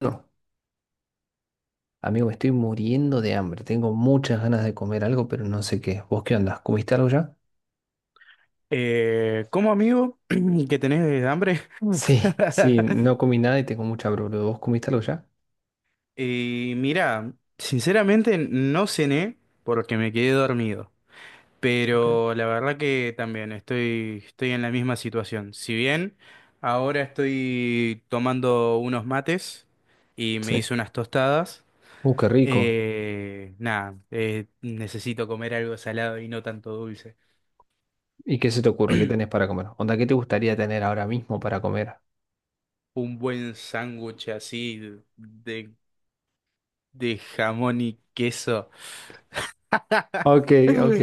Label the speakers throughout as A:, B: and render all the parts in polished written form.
A: No, amigo, estoy muriendo de hambre. Tengo muchas ganas de comer algo, pero no sé qué. ¿Vos qué andás? ¿Comiste algo ya?
B: Como amigo que tenés hambre.
A: Sí, sí, no comí nada y tengo mucha hambre, boludo. ¿Vos comiste algo ya?
B: Y mira, sinceramente no cené porque me quedé dormido.
A: Ok.
B: Pero la verdad que también estoy en la misma situación. Si bien ahora estoy tomando unos mates y me
A: Sí.
B: hice unas tostadas,
A: Qué rico.
B: nada, necesito comer algo salado y no tanto dulce.
A: ¿Y qué se te ocurre? ¿Qué tenés para comer? Onda, ¿qué te gustaría tener ahora mismo para comer?
B: Un buen sándwich así de, de jamón y queso.
A: Ok, ok.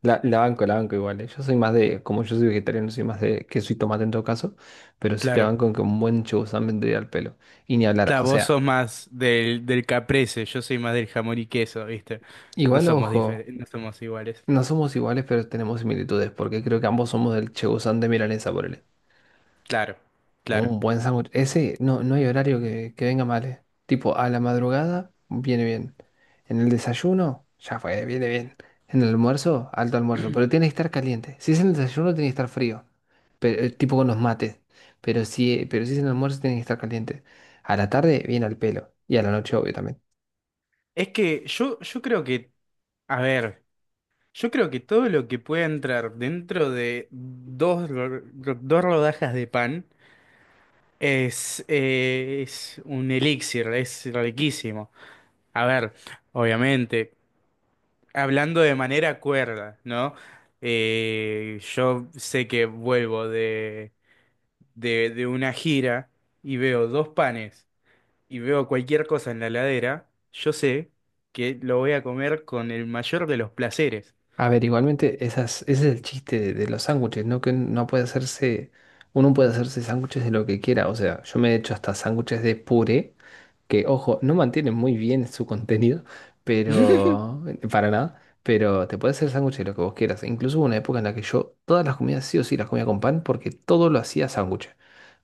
A: La banco, la banco igual. Yo soy más de, como yo soy vegetariano, soy más de queso y tomate en todo caso, pero sí te
B: Claro,
A: banco en que un buen chubusán vendría al pelo. Y ni hablar,
B: claro,
A: o
B: vos sos
A: sea,
B: más del caprese, yo soy más del jamón y queso, ¿viste? No
A: igual
B: somos
A: ojo.
B: diferentes, no somos iguales.
A: No somos iguales, pero tenemos similitudes, porque creo que ambos somos del Chegusán de Milanesa, por él.
B: Claro, claro.
A: Un buen sándwich. Ese, no, no hay horario que venga mal, Tipo, a la madrugada, viene bien. En el desayuno, ya fue, viene bien. En el almuerzo, alto almuerzo, pero tiene que estar caliente. Si es en el desayuno, tiene que estar frío, pero, tipo con los mates. Pero si es en el almuerzo, tiene que estar caliente. A la tarde, viene al pelo. Y a la noche, obviamente.
B: Es que yo creo que a ver, yo creo que todo lo que pueda entrar dentro de dos rodajas de pan es un elixir, es riquísimo. A ver, obviamente. Hablando de manera cuerda, ¿no? Yo sé que vuelvo de una gira y veo dos panes y veo cualquier cosa en la heladera, yo sé que lo voy a comer con el mayor de los placeres.
A: A ver, igualmente esas, ese es el chiste de los sándwiches, ¿no? Que no puede hacerse, uno puede hacerse sándwiches de lo que quiera. O sea, yo me he hecho hasta sándwiches de puré que, ojo, no mantiene muy bien su contenido, pero para nada, pero te puedes hacer sándwich de lo que vos quieras. E incluso hubo una época en la que yo todas las comidas sí o sí las comía con pan porque todo lo hacía sándwich.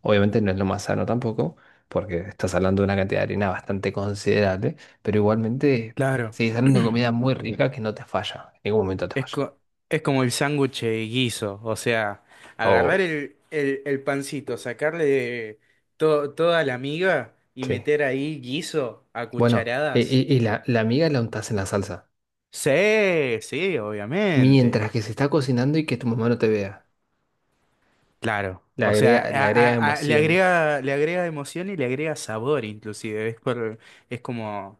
A: Obviamente no es lo más sano tampoco, porque estás hablando de una cantidad de harina bastante considerable, pero igualmente
B: Claro.
A: sigues hablando de comida muy rica que no te falla, en ningún momento te
B: Es,
A: falla.
B: co- es como el sándwich de guiso, o sea, agarrar
A: Oh,
B: el pancito, sacarle toda la miga y
A: sí.
B: meter ahí guiso a
A: Bueno, y,
B: cucharadas.
A: y- y la miga la untás en la salsa,
B: Sí, sí, obviamente.
A: mientras que se está cocinando y que tu mamá no te vea.
B: Claro,
A: Le
B: o sea,
A: agrega, le agrega emoción.
B: le agrega emoción y le agrega sabor inclusive. Es como,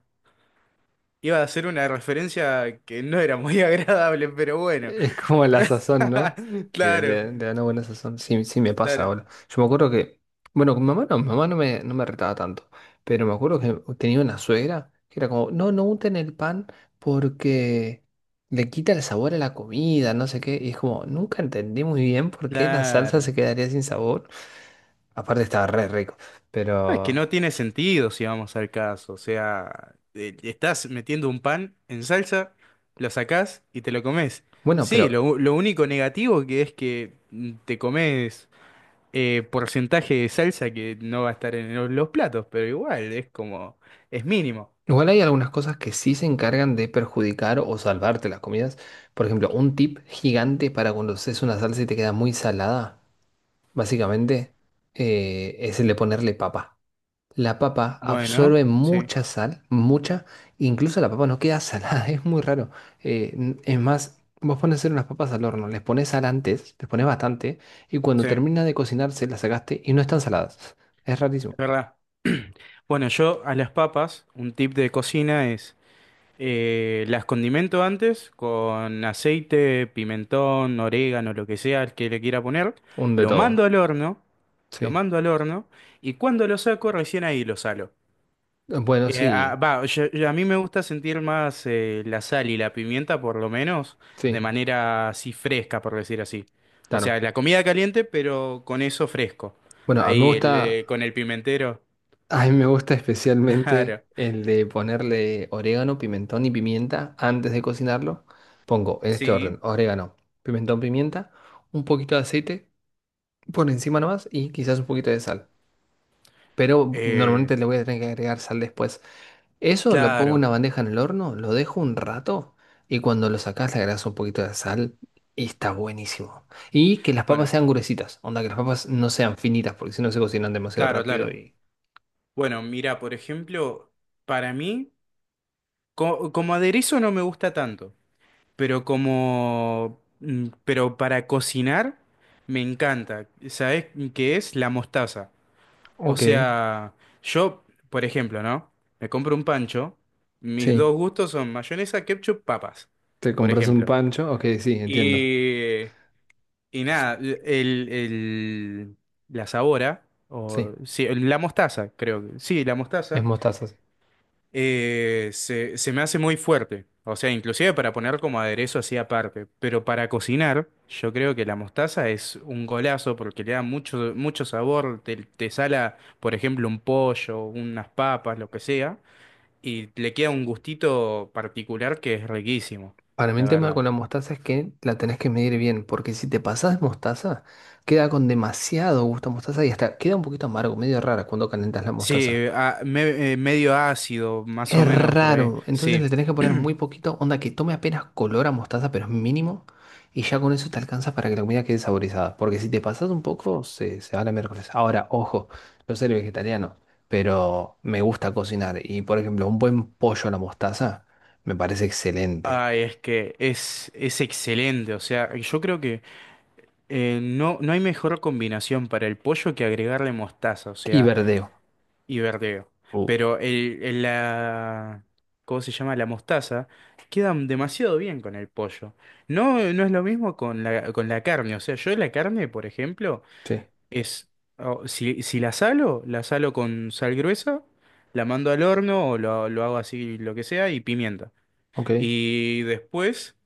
B: iba a hacer una referencia que no era muy agradable, pero bueno.
A: Es como la sazón, ¿no? Le,
B: Claro,
A: le- le da una buena sazón. Sí, sí me pasa
B: claro,
A: ahora. Yo me acuerdo que, bueno, con mamá no, mamá no me retaba tanto, pero me acuerdo que tenía una suegra que era como, no, no unten el pan porque le quita el sabor a la comida, no sé qué. Y es como, nunca entendí muy bien por qué la salsa
B: claro.
A: se quedaría sin sabor. Aparte estaba re rico,
B: No, es que no
A: pero
B: tiene sentido si vamos al caso. O sea, estás metiendo un pan en salsa, lo sacás y te lo comes.
A: bueno,
B: Sí,
A: pero
B: lo único negativo que es que te comes porcentaje de salsa que no va a estar en los platos, pero igual es como, es mínimo.
A: igual hay algunas cosas que sí se encargan de perjudicar o salvarte las comidas. Por ejemplo, un tip gigante para cuando haces una salsa y te queda muy salada, básicamente, es el de ponerle papa. La papa
B: Bueno,
A: absorbe
B: sí,
A: mucha sal, mucha, incluso la papa no queda salada, es muy raro. Es más, vos pones a hacer unas papas al horno, les pones sal antes, les pones bastante, y cuando
B: sí, es
A: termina de cocinarse las sacaste y no están saladas. Es rarísimo.
B: verdad. Bueno, yo a las papas, un tip de cocina es, las condimento antes con aceite, pimentón, orégano, lo que sea que le quiera poner,
A: Un de
B: lo mando
A: todo.
B: al horno, lo
A: Sí.
B: mando al horno y cuando lo saco recién ahí lo salo.
A: Bueno, sí,
B: A mí me gusta sentir más la sal y la pimienta, por lo menos, de
A: sí.
B: manera así fresca, por decir así. O
A: Claro.
B: sea, la comida caliente, pero con eso fresco.
A: Bueno, a mí me
B: Ahí,
A: gusta,
B: con el pimentero.
A: a mí me gusta
B: Claro.
A: especialmente el de ponerle orégano, pimentón y pimienta antes de cocinarlo. Pongo en este orden,
B: Sí.
A: orégano, pimentón, pimienta, un poquito de aceite por encima nomás y quizás un poquito de sal. Pero
B: Eh,
A: normalmente le voy a tener que agregar sal después. Eso lo pongo en
B: claro.
A: una bandeja en el horno, lo dejo un rato y cuando lo sacas le agregas un poquito de sal y está buenísimo. Y que las papas
B: Bueno,
A: sean gruesitas, onda que las papas no sean finitas porque si no se cocinan demasiado
B: claro,
A: rápido
B: claro.
A: y...
B: Bueno, mira, por ejemplo, para mí, como aderezo no me gusta tanto, pero como, pero para cocinar me encanta. ¿Sabes qué es? La mostaza. O
A: Ok.
B: sea, yo, por ejemplo, ¿no? Me compro un pancho, mis
A: Sí,
B: dos gustos son mayonesa, ketchup, papas,
A: te
B: por
A: compras un
B: ejemplo.
A: pancho. Ok, sí, entiendo.
B: Y, y nada, la sabora, o
A: Sí.
B: sí, la mostaza, creo que. Sí, la
A: Es
B: mostaza
A: mostaza, sí.
B: se me hace muy fuerte. O sea, inclusive para poner como aderezo así aparte. Pero para cocinar, yo creo que la mostaza es un golazo porque le da mucho, mucho sabor. Te sala, por ejemplo, un pollo, unas papas, lo que sea. Y le queda un gustito particular que es riquísimo,
A: Para mí
B: la
A: el tema
B: verdad.
A: con la mostaza es que la tenés que medir bien, porque si te pasás mostaza, queda con demasiado gusto a mostaza y hasta queda un poquito amargo, medio rara cuando calentas la mostaza.
B: Sí, medio ácido, más o
A: Es
B: menos por ahí.
A: raro, entonces le
B: Sí.
A: tenés que poner muy poquito, onda que tome apenas color a mostaza, pero es mínimo, y ya con eso te alcanza para que la comida quede saborizada, porque si te pasas un poco, se va a la miércoles. Ahora, ojo, yo soy vegetariano, pero me gusta cocinar, y por ejemplo, un buen pollo a la mostaza me parece excelente.
B: Ay, es que es excelente. O sea, yo creo que no, no hay mejor combinación para el pollo que agregarle mostaza, o
A: Y
B: sea,
A: verdeo.
B: y verdeo.
A: Uh,
B: Pero ¿cómo se llama? La mostaza queda demasiado bien con el pollo. No, no es lo mismo con con la carne. O sea, yo la carne, por ejemplo,
A: sí,
B: es, o- si, si la salo, la salo con sal gruesa, la mando al horno o lo hago así, lo que sea, y pimienta.
A: ok.
B: Y después...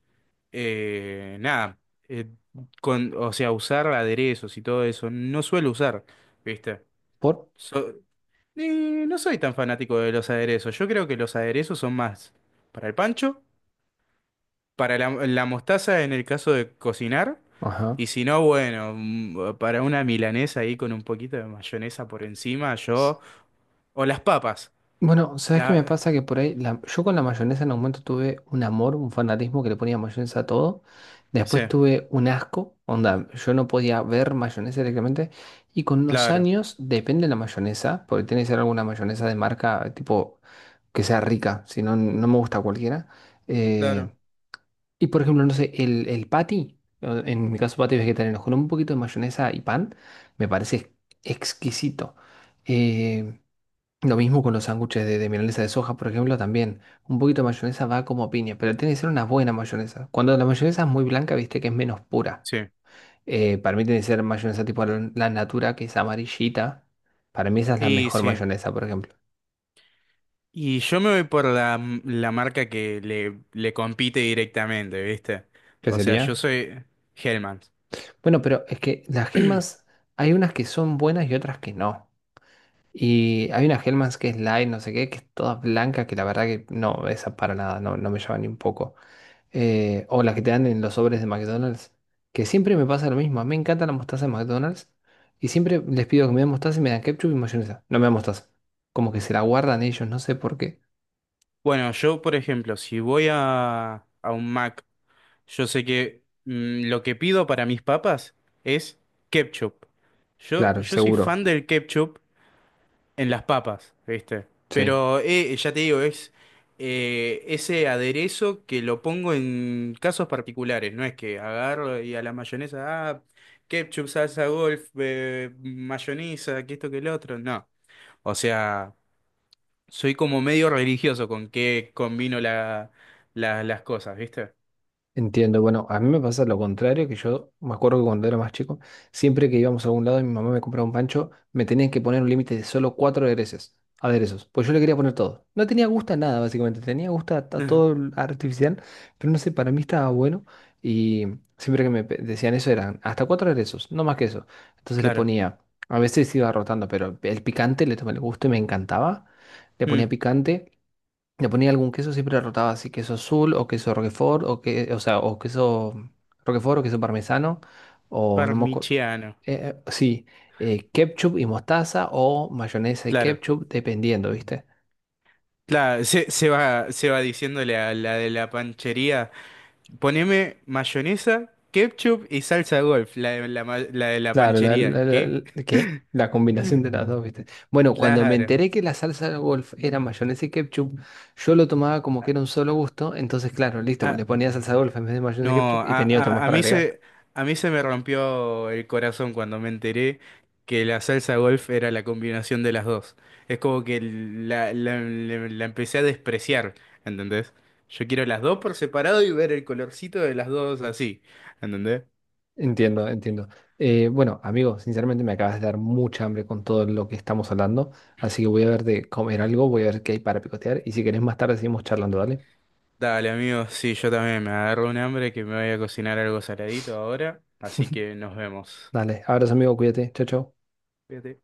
B: Nada, eh, o sea, usar aderezos y todo eso, no suelo usar, ¿viste?
A: ¿Por?
B: So- no soy tan fanático de los aderezos, yo creo que los aderezos son más para el pancho, para la mostaza en el caso de cocinar,
A: Ajá.
B: y si no, bueno, para una milanesa ahí con un poquito de mayonesa por encima, yo, o las papas,
A: Bueno, ¿sabes qué me
B: la,
A: pasa? Que por ahí, yo con la mayonesa en un momento tuve un amor, un fanatismo que le ponía mayonesa a todo.
B: sí,
A: Después tuve un asco, onda, yo no podía ver mayonesa directamente. Y con los
B: claro,
A: años, depende de la mayonesa, porque tiene que ser alguna mayonesa de marca, tipo, que sea rica, si no, no me gusta cualquiera. Eh,
B: claro,
A: y por ejemplo, no sé, el patty, en mi caso patty vegetariano, con un poquito de mayonesa y pan, me parece exquisito. Eh, lo mismo con los sándwiches de milanesa de soja, por ejemplo, también. Un poquito de mayonesa va como piña, pero tiene que ser una buena mayonesa. Cuando la mayonesa es muy blanca, viste que es menos pura.
B: sí,
A: Para mí tiene que ser mayonesa tipo la natura, que es amarillita. Para mí esa es la
B: y
A: mejor
B: sí.
A: mayonesa, por ejemplo.
B: Y yo me voy por la marca que le compite directamente, ¿viste?
A: ¿Qué
B: O sea, yo
A: sería?
B: soy Hellmann's.
A: Bueno, pero es que las Hellmann's hay unas que son buenas y otras que no. Y hay una Hellmann's que es light, no sé qué, que es toda blanca, que la verdad que no, esa para nada, no, no me llama ni un poco. Eh, o las que te dan en los sobres de McDonald's, que siempre me pasa lo mismo. A mí me encanta la mostaza de McDonald's y siempre les pido que me den mostaza y me dan ketchup y mayonesa. No me dan mostaza. Como que se la guardan ellos, no sé por qué.
B: Bueno, yo, por ejemplo, si voy a un Mac, yo sé que lo que pido para mis papas es ketchup. Yo,
A: Claro,
B: yo soy
A: seguro.
B: fan del ketchup en las papas, ¿viste?
A: Sí.
B: Pero ya te digo, es ese aderezo que lo pongo en casos particulares, no es que agarro y a la mayonesa, ah, ketchup, salsa golf, mayonesa, que esto que el otro, no. O sea, soy como medio religioso con qué combino las cosas, ¿viste?
A: Entiendo, bueno, a mí me pasa lo contrario, que yo me acuerdo que cuando era más chico, siempre que íbamos a algún lado y mi mamá me compraba un pancho, me tenían que poner un límite de solo cuatro aderezos, aderezos, pues yo le quería poner todo. No tenía gusto a nada, básicamente, tenía gusto a
B: Ajá,
A: todo el artificial, pero no sé, para mí estaba bueno y siempre que decían eso eran hasta cuatro aderezos, no más que eso. Entonces le
B: claro.
A: ponía, a veces iba rotando, pero el picante le tomé el gusto y me encantaba, le ponía
B: Mm,
A: picante. Le ponía algún queso, siempre rotaba así, queso azul o queso roquefort o que, o sea, o queso roquefort o queso parmesano o no me acuerdo.
B: parmigiano,
A: Sí, ketchup y mostaza o mayonesa y
B: claro.
A: ketchup, dependiendo, ¿viste?
B: Claro, se, se va diciéndole a la de la panchería. Poneme mayonesa, ketchup y salsa golf, la de la de la
A: Claro,
B: panchería. ¿Qué?
A: ¿qué? La combinación de las dos, ¿viste? Bueno, cuando me
B: Claro.
A: enteré que la salsa de golf era mayonesa y ketchup, yo lo tomaba como que era un solo gusto, entonces claro, listo,
B: Ah,
A: le ponía salsa de golf en vez de mayonesa y
B: no,
A: ketchup y tenía otro más para agregar.
B: a mí se me rompió el corazón cuando me enteré que la salsa golf era la combinación de las dos. Es como que la empecé a despreciar, ¿entendés? Yo quiero las dos por separado y ver el colorcito de las dos así, ¿entendés?
A: Entiendo, entiendo. Bueno, amigo, sinceramente me acabas de dar mucha hambre con todo lo que estamos hablando, así que voy a ver de comer algo, voy a ver qué hay para picotear y si querés más tarde seguimos charlando, dale.
B: Dale, amigo, sí, yo también me agarro un hambre que me voy a cocinar algo saladito ahora, así que nos vemos.
A: Dale, abrazo amigo, cuídate, chao, chao.
B: Cuídate.